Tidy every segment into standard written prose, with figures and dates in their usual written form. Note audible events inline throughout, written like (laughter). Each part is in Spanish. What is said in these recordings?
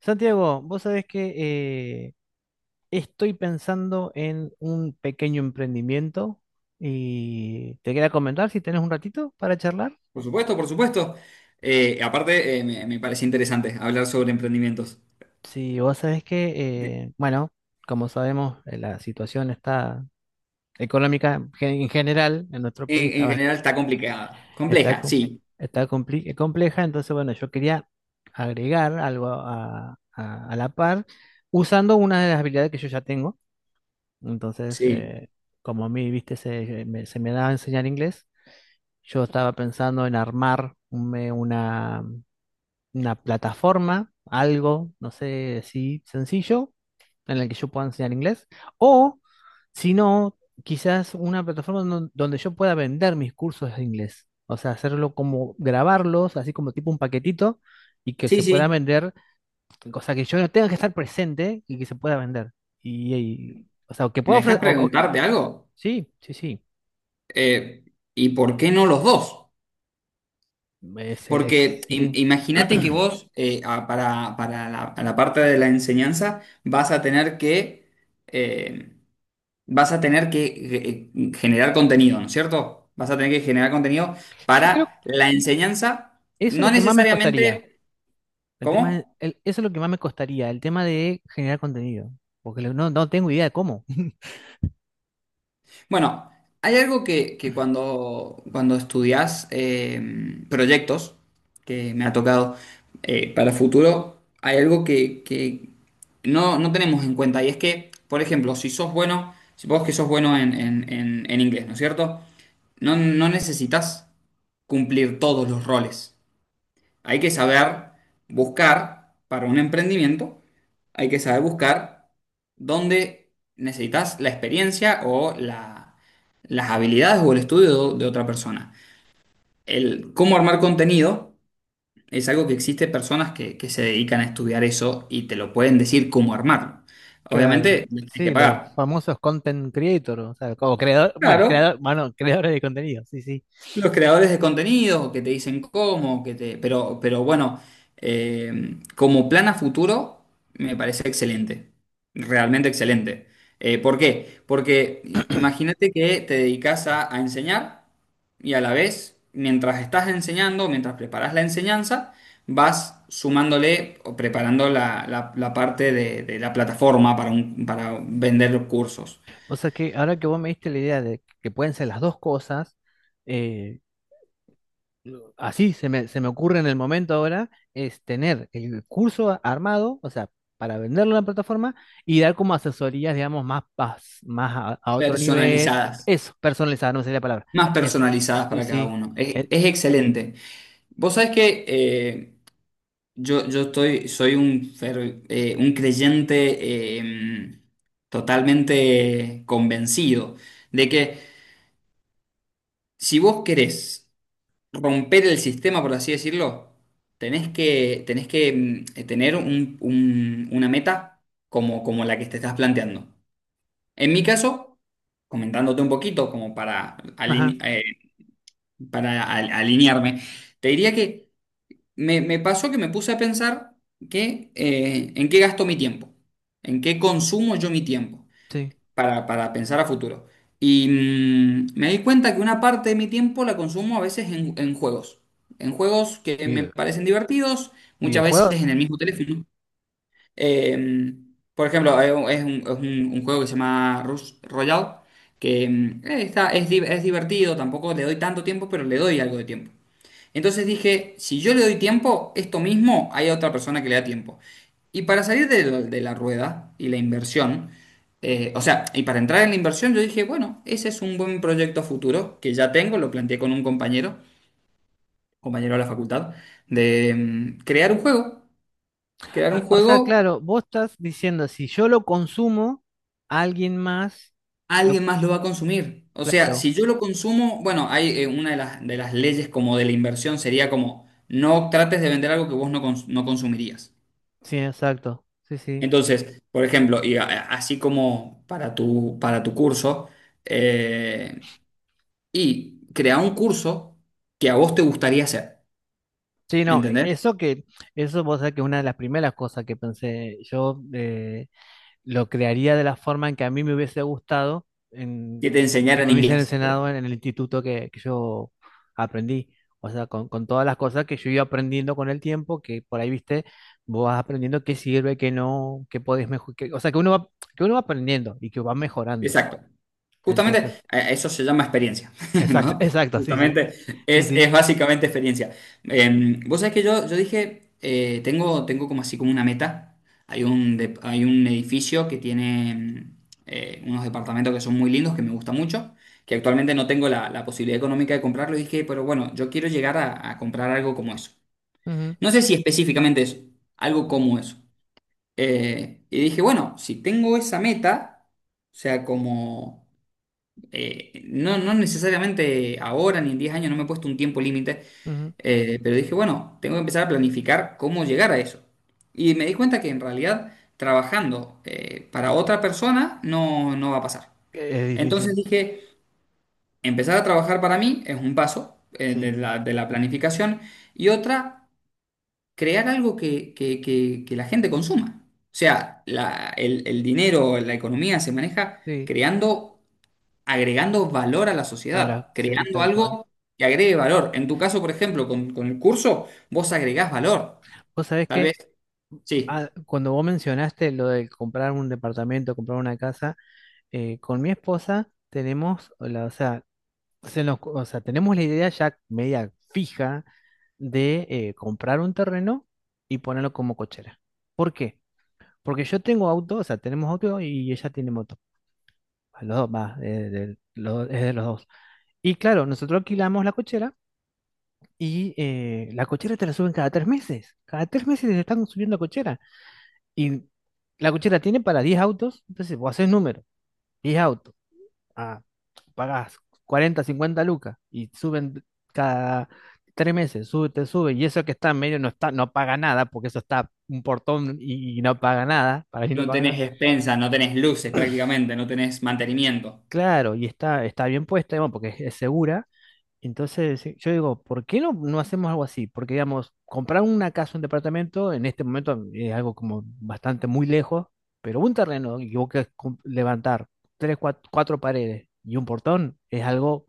Santiago, vos sabés que estoy pensando en un pequeño emprendimiento y te quería comentar si tenés un ratito para charlar. Por supuesto, por supuesto. Aparte, me parece interesante hablar sobre emprendimientos. Si vos sabés que, En, bueno, como sabemos, la situación está económica en general en nuestro país está, en general está complicada. está, Compleja, sí. está compleja, entonces, bueno, yo quería agregar algo a, a la par usando una de las habilidades que yo ya tengo. Entonces, Sí. como a mí, viste, se me da a enseñar inglés, yo estaba pensando en armar una plataforma, algo, no sé, así sencillo, en la que yo pueda enseñar inglés, o si no, quizás una plataforma donde yo pueda vender mis cursos de inglés, o sea, hacerlo como grabarlos, así como tipo un paquetito, y que Sí, se pueda sí. vender, cosa que yo no tenga que estar presente y que se pueda vender. Y, y- o sea, que ¿Me pueda ofrecer, dejas preguntarte algo? sí, sí, sí. Eh, ¿y por qué no los dos? Es, Porque sí. imagínate que vos, para a la parte de la enseñanza, vas a tener que, eh, vas a tener que generar contenido, ¿no es cierto? Vas a tener que generar contenido Yo creo para la que enseñanza, eso es no lo que más me costaría. necesariamente, El tema, ¿cómo? Eso es lo que más me costaría, el tema de generar contenido. Porque no, no tengo idea de cómo. Bueno, hay algo que cuando, cuando estudias proyectos, que me ha tocado para futuro, hay algo que no tenemos en cuenta, y es que, por ejemplo, si sos bueno, si vos que sos bueno en, en inglés, ¿no es cierto? No necesitas cumplir todos los roles. Hay que saber buscar para un emprendimiento, hay que saber buscar dónde necesitas la experiencia o las habilidades o el estudio de otra persona. El cómo armar contenido es algo que existe personas que se dedican a estudiar eso y te lo pueden decir cómo armarlo. Claro. Obviamente, les tienes que Sí, los pagar. famosos content creator, o sea, como Claro, creador, bueno, (laughs) creadores de contenido, sí, sí. los creadores de contenidos que te dicen cómo, que te, pero bueno, como plan a futuro me parece excelente, realmente excelente. ¿Por qué? Porque imagínate que te dedicas a enseñar y a la vez, mientras estás enseñando, mientras preparas la enseñanza, vas sumándole o preparando la parte de la plataforma para, para vender cursos O sea que ahora que vos me diste la idea de que pueden ser las dos cosas, así se me ocurre en el momento ahora, es tener el curso armado, o sea, para venderlo en la plataforma y dar como asesorías, digamos, más, más, a otro nivel. personalizadas, Eso, personalizado, no me salía la palabra. más Eso. personalizadas Sí, para cada sí. uno. es Eh, es excelente. Vos sabés que soy un, un creyente eh, totalmente convencido de que si vos querés romper el sistema, por así decirlo, tenés que tener una meta como, como la que te estás planteando. En mi caso, comentándote un poquito como para, ajá, para alinearme, te diría que me pasó que me puse a pensar que, en qué gasto mi tiempo, en qué consumo yo mi tiempo sí. Para pensar a futuro. Y me di cuenta que una parte de mi tiempo la consumo a veces en juegos que me Video- parecen divertidos, muchas veces en videojuegos. el mismo teléfono. Eh, por ejemplo, hay es un, es un juego que se llama Rush Royale, que está, es, es divertido, tampoco le doy tanto tiempo, pero le doy algo de tiempo. Entonces dije, si yo le doy tiempo, esto mismo hay otra persona que le da tiempo. Y para salir de la rueda y la inversión, o sea, y para entrar en la inversión, yo dije, bueno, ese es un buen proyecto futuro que ya tengo, lo planteé con un compañero, compañero de la facultad, de crear un juego. Crear Ah, un o sea, juego, claro, vos estás diciendo, si yo lo consumo, alguien más, lo, alguien más lo va a consumir. O sea, claro. si yo lo consumo, bueno, hay una de las leyes como de la inversión sería como, no trates de vender algo que vos no no consumirías. Sí, exacto. Sí, sí. Entonces, por ejemplo, así como para tu curso, eh, y crea un curso que a vos te gustaría hacer, Sí, ¿me no, e, entendés? eso que, eso vos sabés que es una de las primeras cosas que pensé, yo lo crearía de la forma en que a mí me hubiese gustado, en, Que te que enseñaran me hubiesen inglés, por enseñado ejemplo. en, el instituto que yo aprendí, o sea, con todas las cosas que yo iba aprendiendo con el tiempo, que por ahí, viste, vos vas aprendiendo qué sirve, qué no, qué podés mejorar, o sea, que uno va aprendiendo y que va mejorando, Exacto. Justamente, entonces, eso se llama experiencia, (laughs) exacto, (laughs) ¿no? exacto, sí, sí, Justamente, sí, sí, es básicamente experiencia. Vos sabés que yo dije, tengo como así como una meta. Hay un, hay un edificio que tiene unos departamentos que son muy lindos, que me gusta mucho, que actualmente no tengo la posibilidad económica de comprarlo. Y dije, pero bueno, yo quiero llegar a comprar algo como eso. ujú, No sé si específicamente eso, algo como eso. Y dije, bueno, si tengo esa meta, o sea, como no necesariamente ahora ni en 10 años, no me he puesto un tiempo límite, ujú. Pero dije, bueno, tengo que empezar a planificar cómo llegar a eso. Y me di cuenta que en realidad trabajando para otra persona no va a pasar. Es Entonces difícil, dije, empezar a trabajar para mí es un paso sí, de de la planificación y otra, crear algo que la gente consuma. O sea, el dinero, la economía se maneja sí. creando, agregando valor a la A la, sociedad, sí, creando tal cual. algo que agregue valor. En tu caso, por ejemplo, con el curso, vos agregás valor. Vos sabés Tal que vez, ah, sí, cuando vos mencionaste lo de comprar un departamento, comprar una casa, con mi esposa tenemos, la, o sea, o sea, tenemos la idea ya media fija de comprar un terreno y ponerlo como cochera. ¿Por qué? Porque yo tengo auto, o sea, tenemos auto y ella tiene moto. A los dos, va, de, es de los dos. Y claro, nosotros alquilamos la cochera y la cochera te la suben cada tres meses. Cada tres meses te están subiendo cochera. Y la cochera tiene para 10 autos, entonces vos haces número, 10 autos, ah, pagás 40, 50 lucas y suben cada tres meses, sube, te sube, y eso que está en medio no está, no paga nada, porque eso está un portón y no paga nada, para mí no no paga nada. tenés expensas, no tenés luces prácticamente, no tenés mantenimiento. Claro, y está, está bien puesta, bueno, porque es segura. Entonces, sí, yo digo, ¿por qué no, no hacemos algo así? Porque, digamos, comprar una casa, un departamento, en este momento es algo como bastante muy lejos, pero un terreno y vos querés levantar tres, cuatro, paredes y un portón es algo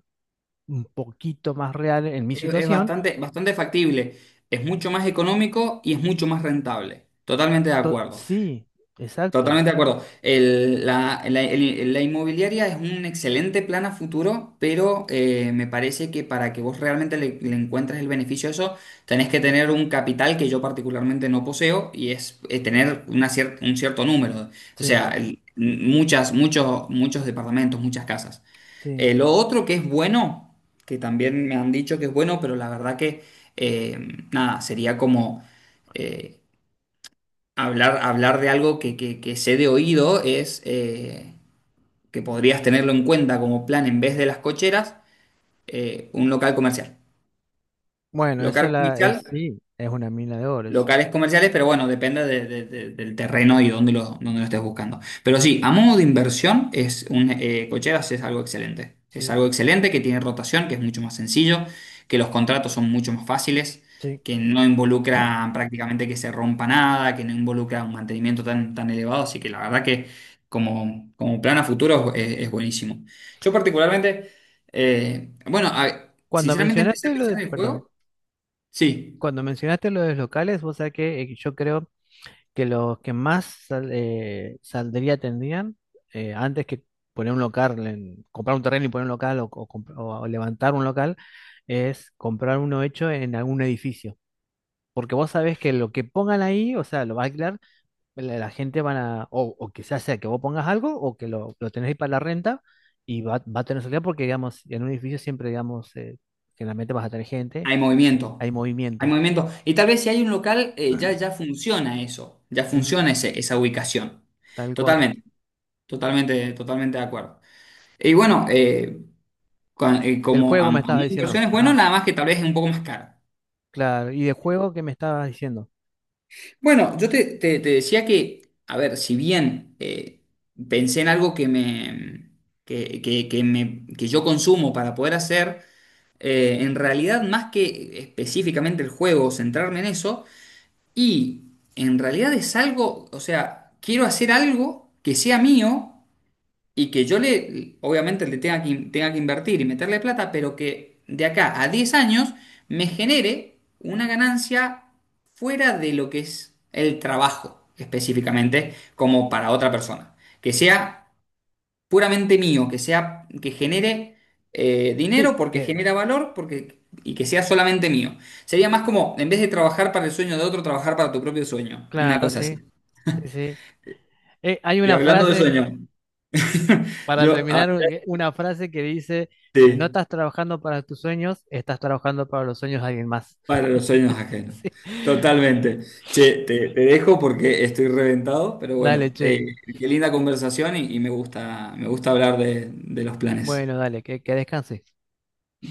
un poquito más real en mi Es situación. bastante, bastante factible, es mucho más económico y es mucho más rentable. Totalmente de acuerdo. Sí, exacto, Totalmente de acuerdo. La inmobiliaria es un excelente plan a futuro, pero me parece que para que vos realmente le encuentres el beneficio a eso, tenés que tener un capital que yo particularmente no poseo y es tener una un cierto número. O sí, sea, claro, muchas, muchos, muchos departamentos, muchas casas. sí. Lo otro que es bueno, que también me han dicho que es bueno, pero la verdad que, eh, nada, sería como eh, hablar, hablar de algo que sé de oído es que podrías tenerlo en cuenta como plan en vez de las cocheras, un local comercial. Bueno, esa Local la comercial, es, sí, es una mina de oro, eso, locales comerciales, pero bueno, depende del terreno y dónde lo estés buscando. Pero sí, a modo de inversión, cocheras es algo excelente. Es sí, algo excelente que tiene rotación, que es mucho más sencillo, que los contratos son mucho más fáciles, sí. que no involucran prácticamente que se rompa nada, que no involucra un mantenimiento tan, tan elevado. Así que la verdad que como, como plan a futuro es buenísimo. Yo particularmente, bueno, Cuando sinceramente empecé a mencionaste lo de, pensar en el perdón, juego. Sí. cuando mencionaste lo de los locales, vos sabés que yo creo que los que más saldría tendrían, antes que poner un local, comprar un terreno y poner un local o o levantar un local, es comprar uno hecho en algún edificio. Porque vos sabés que lo que pongan ahí, o sea, lo va a alquilar, la gente van a, o quizás sea que vos pongas algo o que lo tenés ahí para la renta y va, va a tener salida porque, digamos, en un edificio siempre, digamos, generalmente vas a tener gente, Hay movimiento, hay hay movimiento. movimiento. Y tal vez si hay un local, ya, ya funciona eso, ya Ujú. funciona esa ubicación. Tal cual. Totalmente, totalmente, totalmente de acuerdo. Y bueno, Del como juego a me modo estabas de diciendo. inversión es bueno, Ajá. nada más que tal vez es un poco más caro. Claro, y de juego que me estabas diciendo. Bueno, yo te, te decía que, a ver, si bien pensé en algo que me, que me, que yo consumo para poder hacer, en realidad más que específicamente el juego, centrarme en eso. Y en realidad es algo, o sea, quiero hacer algo que sea mío y que yo le, obviamente le tenga que invertir y meterle plata, pero que de acá a 10 años me genere una ganancia fuera de lo que es el trabajo específicamente, como para otra persona. Que sea puramente mío, que sea, que genere Sí, dinero porque que, genera valor porque, y que sea solamente mío. Sería más como, en vez de trabajar para el sueño de otro, trabajar para tu propio sueño. Una claro, cosa así. sí, sí, sí. Hay Y una hablando de frase, sueño, (laughs) para yo, ah, terminar, una frase que dice, si no sí, estás trabajando para tus sueños, estás trabajando para los sueños de alguien más. para (laughs) los sueños ajenos. Sí. Totalmente. Che, te dejo porque estoy reventado, pero Dale, bueno, che. Qué linda conversación y me gusta hablar de los planes. Bueno, dale, que descanses.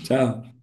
Chao.